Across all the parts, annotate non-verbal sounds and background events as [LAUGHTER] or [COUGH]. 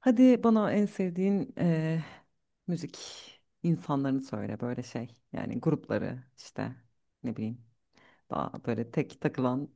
Hadi bana en sevdiğin müzik insanlarını söyle böyle şey. Yani grupları işte ne bileyim daha böyle tek takılan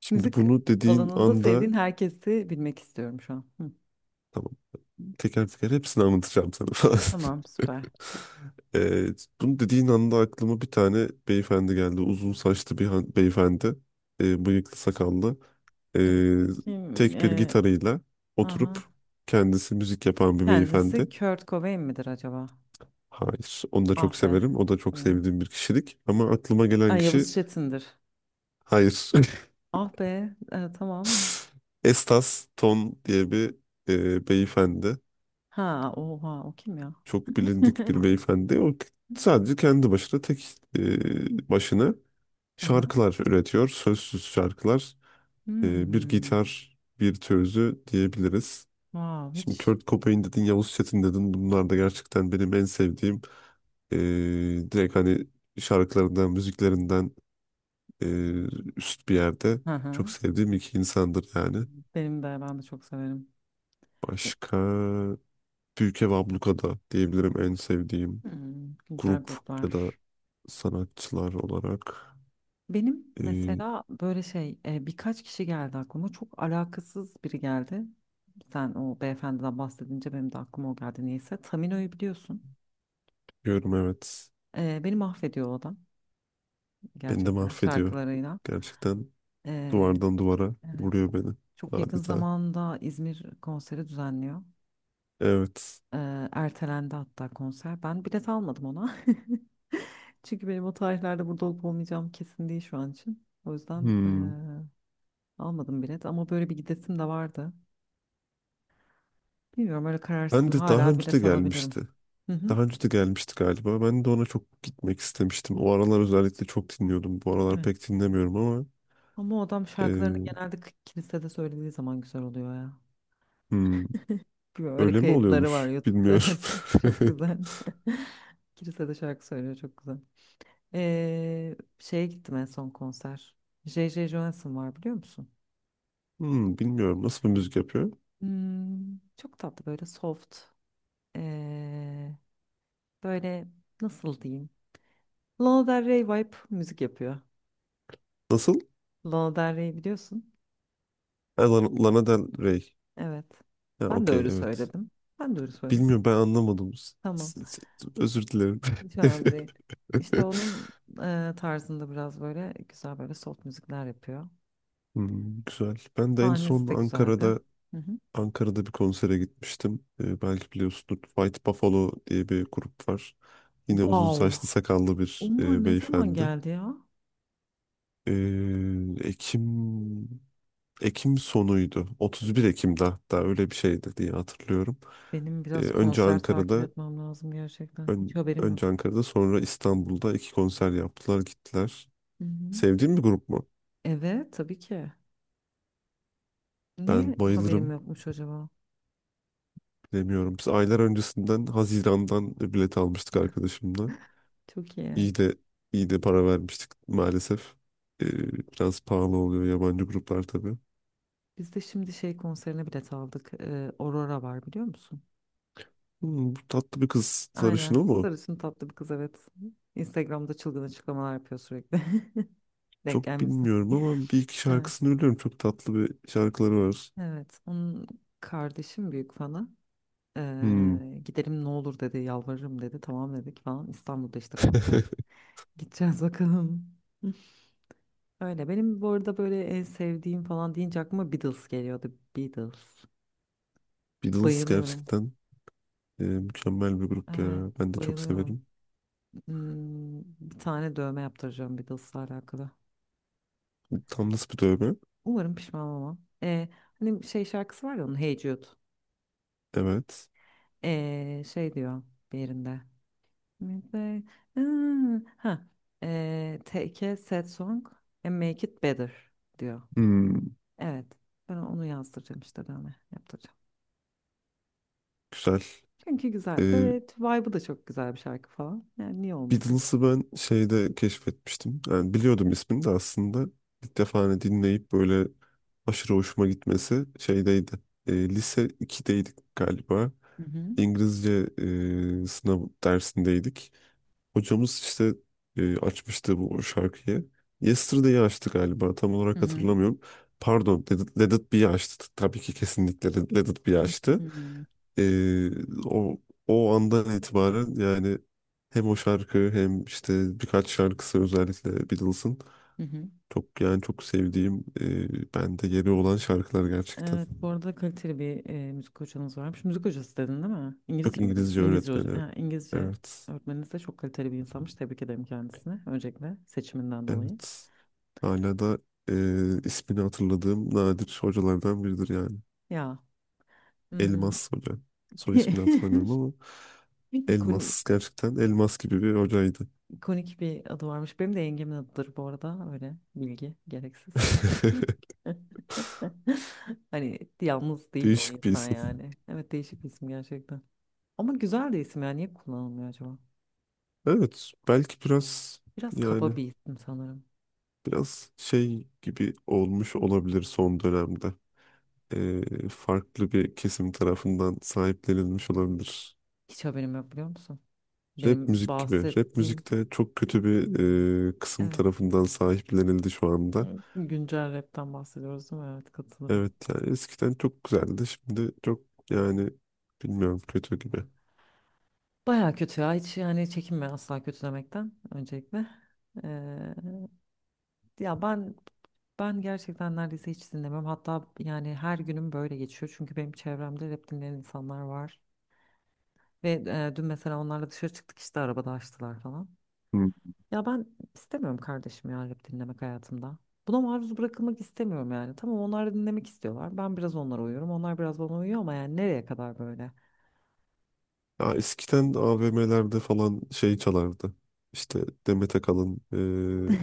Şimdi müzik bunu dediğin alanında anda, sevdiğin herkesi bilmek istiyorum şu an. Hı. tamam, teker teker hepsini anlatacağım sana [LAUGHS] falan. Tamam süper. Ee, Bunu dediğin anda aklıma bir tane beyefendi geldi. Uzun saçlı bir beyefendi. Bıyıklı sakallı. Dur Ee, bakayım. Tek bir gitarıyla Aha. oturup kendisi müzik yapan bir Kendisi beyefendi. Kurt Cobain midir acaba? Hayır. Onu da Ah çok be. severim. O da çok Hı. sevdiğim bir kişilik. Ama aklıma gelen Ay kişi Yavuz Çetin'dir. hayır. [LAUGHS] Ah be tamam. Estas Ton diye bir beyefendi. Ha oha o kim ya? Çok bilindik bir [LAUGHS] beyefendi. O sadece kendi başına tek başına Aha. şarkılar üretiyor. Sözsüz şarkılar. Bir Hmm. gitar virtüözü diyebiliriz. Wow Şimdi hiç. Kurt Cobain dedin, Yavuz Çetin dedin. Bunlar da gerçekten benim en sevdiğim e, direkt hani şarkılarından, müziklerinden e, üst bir yerde Hı çok hı. sevdiğim iki insandır yani. Ben de çok severim. E, Başka Büyükev Ablukada diyebilirim en sevdiğim hmm, güncel grup ya da gruplar. sanatçılar olarak. Benim Ee, mesela böyle şey birkaç kişi geldi aklıma. Çok alakasız biri geldi. Sen o beyefendiden bahsedince benim de aklıma o geldi neyse. Tamino'yu biliyorsun. Diyorum evet. Beni mahvediyor o adam Beni de gerçekten mahvediyor. şarkılarıyla. Gerçekten E, duvardan duvara evet. vuruyor beni Çok yakın adeta. zamanda İzmir konseri düzenliyor. Evet. Ertelendi hatta konser. Ben bilet almadım ona. [LAUGHS] Çünkü benim o tarihlerde burada olup olmayacağım kesin değil şu an için. O yüzden Hmm. Almadım bilet ama böyle bir gidesim de vardı. Bilmiyorum öyle Ben kararsızım. de daha Hala önce de bilet alabilirim. gelmişti. Hı hı. Daha önce de gelmişti galiba. Ben de ona çok gitmek istemiştim. O aralar özellikle çok dinliyordum. Bu aralar Evet. pek dinlemiyorum ama Ama o adam e, şarkılarını genelde kilisede söylediği zaman güzel oluyor ya. hmm, Bilmiyorum, öyle öyle mi kayıtları var oluyormuş? YouTube'da. Bilmiyorum. [LAUGHS] Çok güzel. [LAUGHS] [LAUGHS] Kilisede şarkı söylüyor çok güzel. Şeye gittim en son konser. J J Johansson var biliyor musun? Hmm, bilmiyorum. Nasıl bir müzik yapıyor? Hmm, çok tatlı böyle soft. ee, böyle nasıl diyeyim? Lana Del Rey vibe müzik yapıyor. Nasıl? Lana Del Rey biliyorsun. Ha, Lana Del Rey. Evet. Ha, Ben de okey, öyle evet. söyledim. Ben de öyle söyledim. Bilmiyorum ben anlamadım. Tamam. Özür dilerim. Hiç önemli [LAUGHS] değil. İşte onun tarzında biraz böyle güzel böyle soft müzikler yapıyor. Hmm, güzel. Ben de en son Sahnesi de güzeldi. Ankara'da Hı hı. Ankara'da bir konsere gitmiştim. Belki biliyorsunuz White Buffalo diye bir grup var. Yine uzun Wow. saçlı sakallı bir Onlar ne zaman beyefendi. geldi ya? Ee, Ekim Ekim sonuydu. 31 Ekim'de hatta öyle bir şeydi diye hatırlıyorum. Benim Ee, biraz önce konser takip Ankara'da etmem lazım gerçekten. Hiç haberim yok. önce Ankara'da sonra İstanbul'da iki konser yaptılar gittiler. Hı hı. Sevdiğin bir grup mu? Evet, tabii ki. Niye Ben haberim bayılırım. yokmuş acaba? Bilemiyorum. Biz aylar öncesinden Haziran'dan bilet almıştık arkadaşımla. Çok iyi. İyi de iyi de para vermiştik maalesef. Ee, Biz de, Biraz pahalı oluyor yabancı gruplar tabii. biz de şimdi şey konserine bilet aldık. Aurora var biliyor musun? Hmm, bu tatlı bir kız sarışın Aynen. o mu? Sarışın tatlı bir kız evet. Instagram'da çılgın açıklamalar yapıyor sürekli. [LAUGHS] Denk Çok gelmişsin. bilmiyorum ama bir iki Evet. şarkısını biliyorum. Çok tatlı bir şarkıları var. Evet. Onun kardeşim büyük fanı. Hmm. Gidelim ne olur dedi. Yalvarırım dedi. Tamam dedik falan. İstanbul'da işte konser. [LAUGHS] Gideceğiz bakalım. [LAUGHS] Öyle. Benim bu arada böyle en sevdiğim falan deyince aklıma Beatles geliyordu. Beatles. Beatles Bayılıyorum. gerçekten mükemmel bir grup Evet, ya. Ben de çok bayılıyorum. severim. Hmm, bir tane dövme yaptıracağım Beatles'la alakalı. Tam nasıl bir dövme? Umarım pişman olmam. Hani şey şarkısı var ya onun Hey Jude. Evet. Şey diyor bir yerinde. Midway- Hmm, ha, take a sad song and make it better diyor. Hmm, Evet, ben onu yazdıracağım işte dövme yaptıracağım. güzel. Çünkü güzel. Ee, Böyle vibe'ı da çok güzel bir şarkı falan. Yani niye olmasın ki? Beatles'ı ben şeyde keşfetmiştim. Yani biliyordum ismini de aslında. İlk defa hani dinleyip böyle aşırı hoşuma gitmesi şeydeydi. Lise 2'deydik galiba. Hı hı. İngilizce sınav dersindeydik. Hocamız işte açmıştı bu şarkıyı. Yesterday'i açtı galiba, tam Hı olarak hı. hatırlamıyorum. Pardon Let It Be'yi açtı. Tabii ki kesinlikle Let It Be'yi Hı açtı. hı. Ee, o o andan itibaren yani hem o şarkı hem işte birkaç şarkısı özellikle Beatles'ın Hı hı. çok yani çok sevdiğim bende yeri olan şarkılar gerçekten. Evet, bu arada kaliteli bir müzik hocanız varmış. Müzik hocası dedin değil mi? Yok, İngilizce mi dedin? İngilizce İngilizce, öğretmeni. ha, İngilizce Evet. öğretmeniniz de çok kaliteli bir insanmış. Tebrik ederim kendisine. Öncelikle seçiminden dolayı. Evet. Hala da e, ismini hatırladığım nadir hocalardan biridir yani. Ya. Hmm. Elmas Hoca. Soy ismini hatırlamıyorum [LAUGHS] ama İkonik, Elmas gerçekten Elmas gibi bir hocaydı. ikonik bir adı varmış. Benim de yengemin adıdır bu arada. Öyle bilgi gereksiz. [LAUGHS] [LAUGHS] Hani yalnız değil o Değişik bir insan isim. yani. Evet değişik bir isim gerçekten. Ama güzel de isim yani. Niye kullanılmıyor acaba? Evet. Belki biraz Biraz kaba yani bir isim sanırım. biraz şey gibi olmuş olabilir son dönemde. Farklı bir kesim tarafından sahiplenilmiş olabilir. Hiç haberim yok biliyor musun? Rap Benim müzik gibi. Rap bahsettiğim müzikte çok kötü bir kısım evet. tarafından sahiplenildi şu anda. Evet, güncel rapten bahsediyoruz değil mi? Evet katılırım. Evet yani eskiden çok güzeldi. Şimdi çok yani bilmiyorum, kötü gibi. Baya kötü ya hiç yani çekinme asla kötülemekten öncelikle. Ee, ya ben gerçekten neredeyse hiç dinlemem. Hatta yani her günüm böyle geçiyor. Çünkü benim çevremde rap dinleyen insanlar var. Ve dün mesela onlarla dışarı çıktık işte arabada açtılar falan. Hı. Ya ben istemiyorum kardeşim ya rap dinlemek hayatımda. Buna maruz bırakılmak istemiyorum yani. Tamam onlar da dinlemek istiyorlar. Ben biraz onlara uyuyorum. Onlar biraz bana uyuyor ama yani nereye kadar böyle? Ya eskiden AVM'lerde falan şey çalardı. İşte Demet Akalın,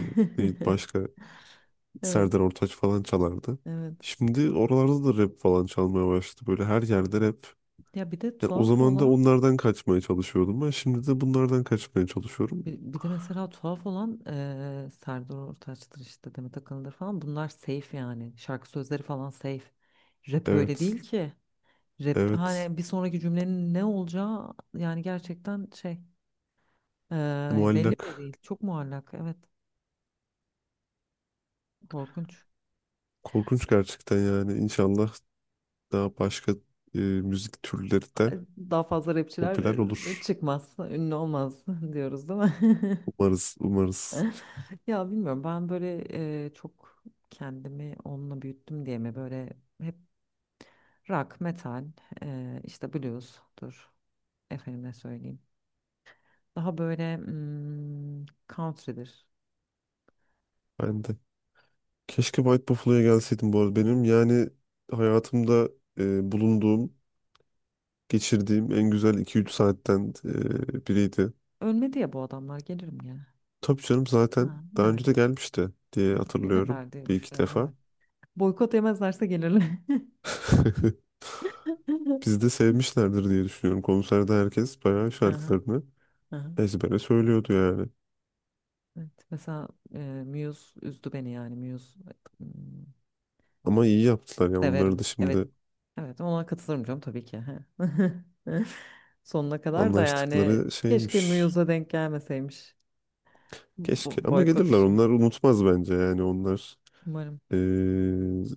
neydi başka, Evet, Serdar Ortaç falan çalardı. evet. Şimdi oralarda da rap falan çalmaya başladı. Böyle her yerde rap. Ya bir de Yani o tuhaf zaman da olan onlardan kaçmaya çalışıyordum ben. Şimdi de bunlardan kaçmaya çalışıyorum. bir de mesela tuhaf olan Serdar Ortaç'tır işte Demet Akalın'dır falan. Bunlar safe yani. Şarkı sözleri falan safe. Rap öyle Evet. değil ki. Rapte Evet. hani bir sonraki cümlenin ne olacağı yani gerçekten şey belli Muallak. bile değil. Çok muallak. Evet. Korkunç. Korkunç gerçekten yani. İnşallah daha başka müzik türleri de Ay, daha fazla rapçiler popüler olur. çıkmaz, ünlü olmaz [LAUGHS] diyoruz değil mi? Umarız. Umarız. [LAUGHS] Ya bilmiyorum ben böyle çok kendimi onunla büyüttüm diye mi böyle hep rock, metal, işte blues'tur efendime söyleyeyim. Daha böyle hmm, country'dir. Ben de. Keşke White Buffalo'ya gelseydim bu arada. Benim yani hayatımda bulunduğum, geçirdiğim en güzel iki üç saatten biriydi. Ölmedi ya bu adamlar gelirim gene. Tabii canım, zaten Ha, daha önce yani, de gelmişti diye yani hatırlıyorum gelirler diye bir iki düşünüyorum defa. evet. Boykot yemezlerse gelirler. [LAUGHS] [LAUGHS] Bizi de sevmişlerdir diye düşünüyorum. Konserde herkes bayağı Aha, şarkılarını aha. ezbere söylüyordu yani. Evet, mesela e, Muse üzdü beni yani m, Ama iyi yaptılar ya, onları da severim. Evet. şimdi Evet ona katılırım canım tabii ki. He. [LAUGHS] Sonuna kadar da yani anlaştıkları keşke şeymiş. Muse'a denk gelmeseymiş. Keşke Bu ama boykot gelirler, işim. onlar unutmaz bence yani onlar Umarım. eee,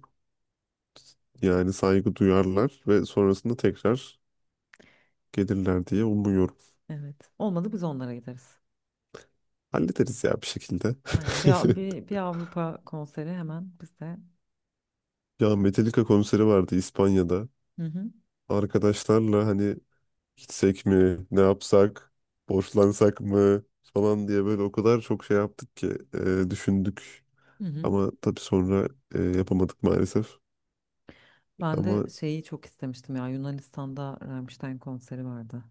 yani saygı duyarlar ve sonrasında tekrar gelirler diye umuyorum. Evet. Olmadı biz onlara gideriz. Hallederiz ya bir şekilde. Aynen. Bir, bir, [LAUGHS] bir Avrupa konseri hemen bizde. Ya Metallica konseri vardı İspanya'da. Hı hı. Arkadaşlarla hani gitsek mi, ne yapsak, borçlansak mı falan diye böyle o kadar çok şey yaptık ki düşündük. Hı hı. Ama tabii sonra yapamadık maalesef. Ben de Ama şeyi çok istemiştim ya Yunanistan'da Rammstein konseri vardı.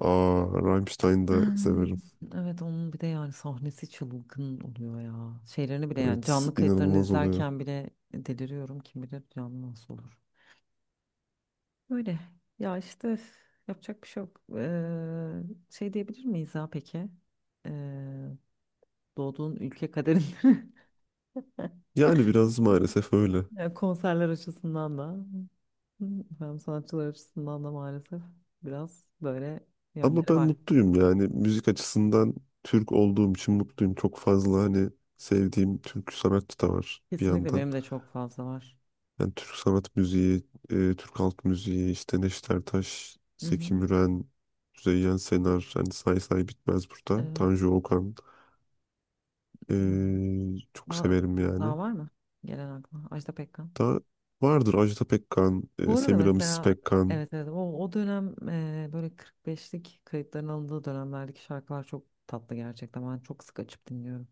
aa, Rammstein'i de severim. Hmm. Evet onun bir de yani sahnesi çılgın oluyor ya. Şeylerini bile yani Evet, canlı kayıtlarını inanılmaz oluyor. izlerken bile deliriyorum. Kim bilir canlı nasıl olur. Öyle ya işte üf, yapacak bir şey yok. Şey diyebilir miyiz ya peki? Ee, doğduğun ülke kaderinde [LAUGHS] Yani biraz maalesef öyle. yani konserler açısından da hem sanatçılar açısından da maalesef biraz böyle Ama yönleri ben var. mutluyum yani müzik açısından Türk olduğum için mutluyum. Çok fazla hani sevdiğim Türk sanatçı da var bir Kesinlikle yandan. benim de çok fazla var. Yani Türk sanat müziği, Türk halk müziği, işte Neşet Ertaş, Hı hı. Zeki Müren, Zeyyen Senar, hani say say bitmez burada. Evet. Tanju Okan, Evet. e, çok Daha, severim yani. daha var mı? Gelen aklıma. Ajda Pekkan. Da vardır Ajda Pekkan, Bu arada Semiramis mesela Pekkan. evet o dönem böyle 45'lik kayıtların alındığı dönemlerdeki şarkılar çok tatlı gerçekten. Ben çok sık açıp dinliyorum.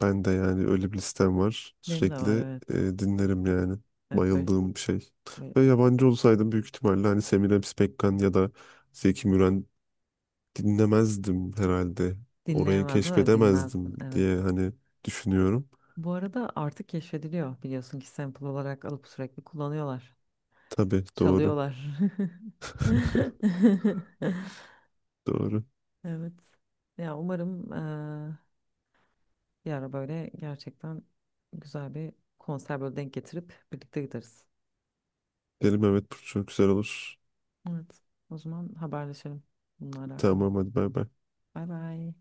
Ben de yani öyle bir listem var. Benim de var Sürekli evet. Dinlerim yani. Evet böyle, Bayıldığım bir şey. böyle Ve yabancı olsaydım büyük ihtimalle hani Semiramis Pekkan ya da Zeki Müren dinlemezdim herhalde. Orayı dinleyemezdim ama bilmezdim keşfedemezdim evet. diye hani düşünüyorum. Bu arada artık keşfediliyor biliyorsun ki sample olarak alıp sürekli kullanıyorlar. Tabii, doğru. Çalıyorlar. [LAUGHS] [LAUGHS] Doğru. Evet. Ya umarım bir ara böyle gerçekten güzel bir konser böyle denk getirip birlikte gideriz. Derim evet, bu çok güzel olur. Evet. O zaman haberleşelim bununla alakalı. Tamam hadi, bay bay. Bay bay.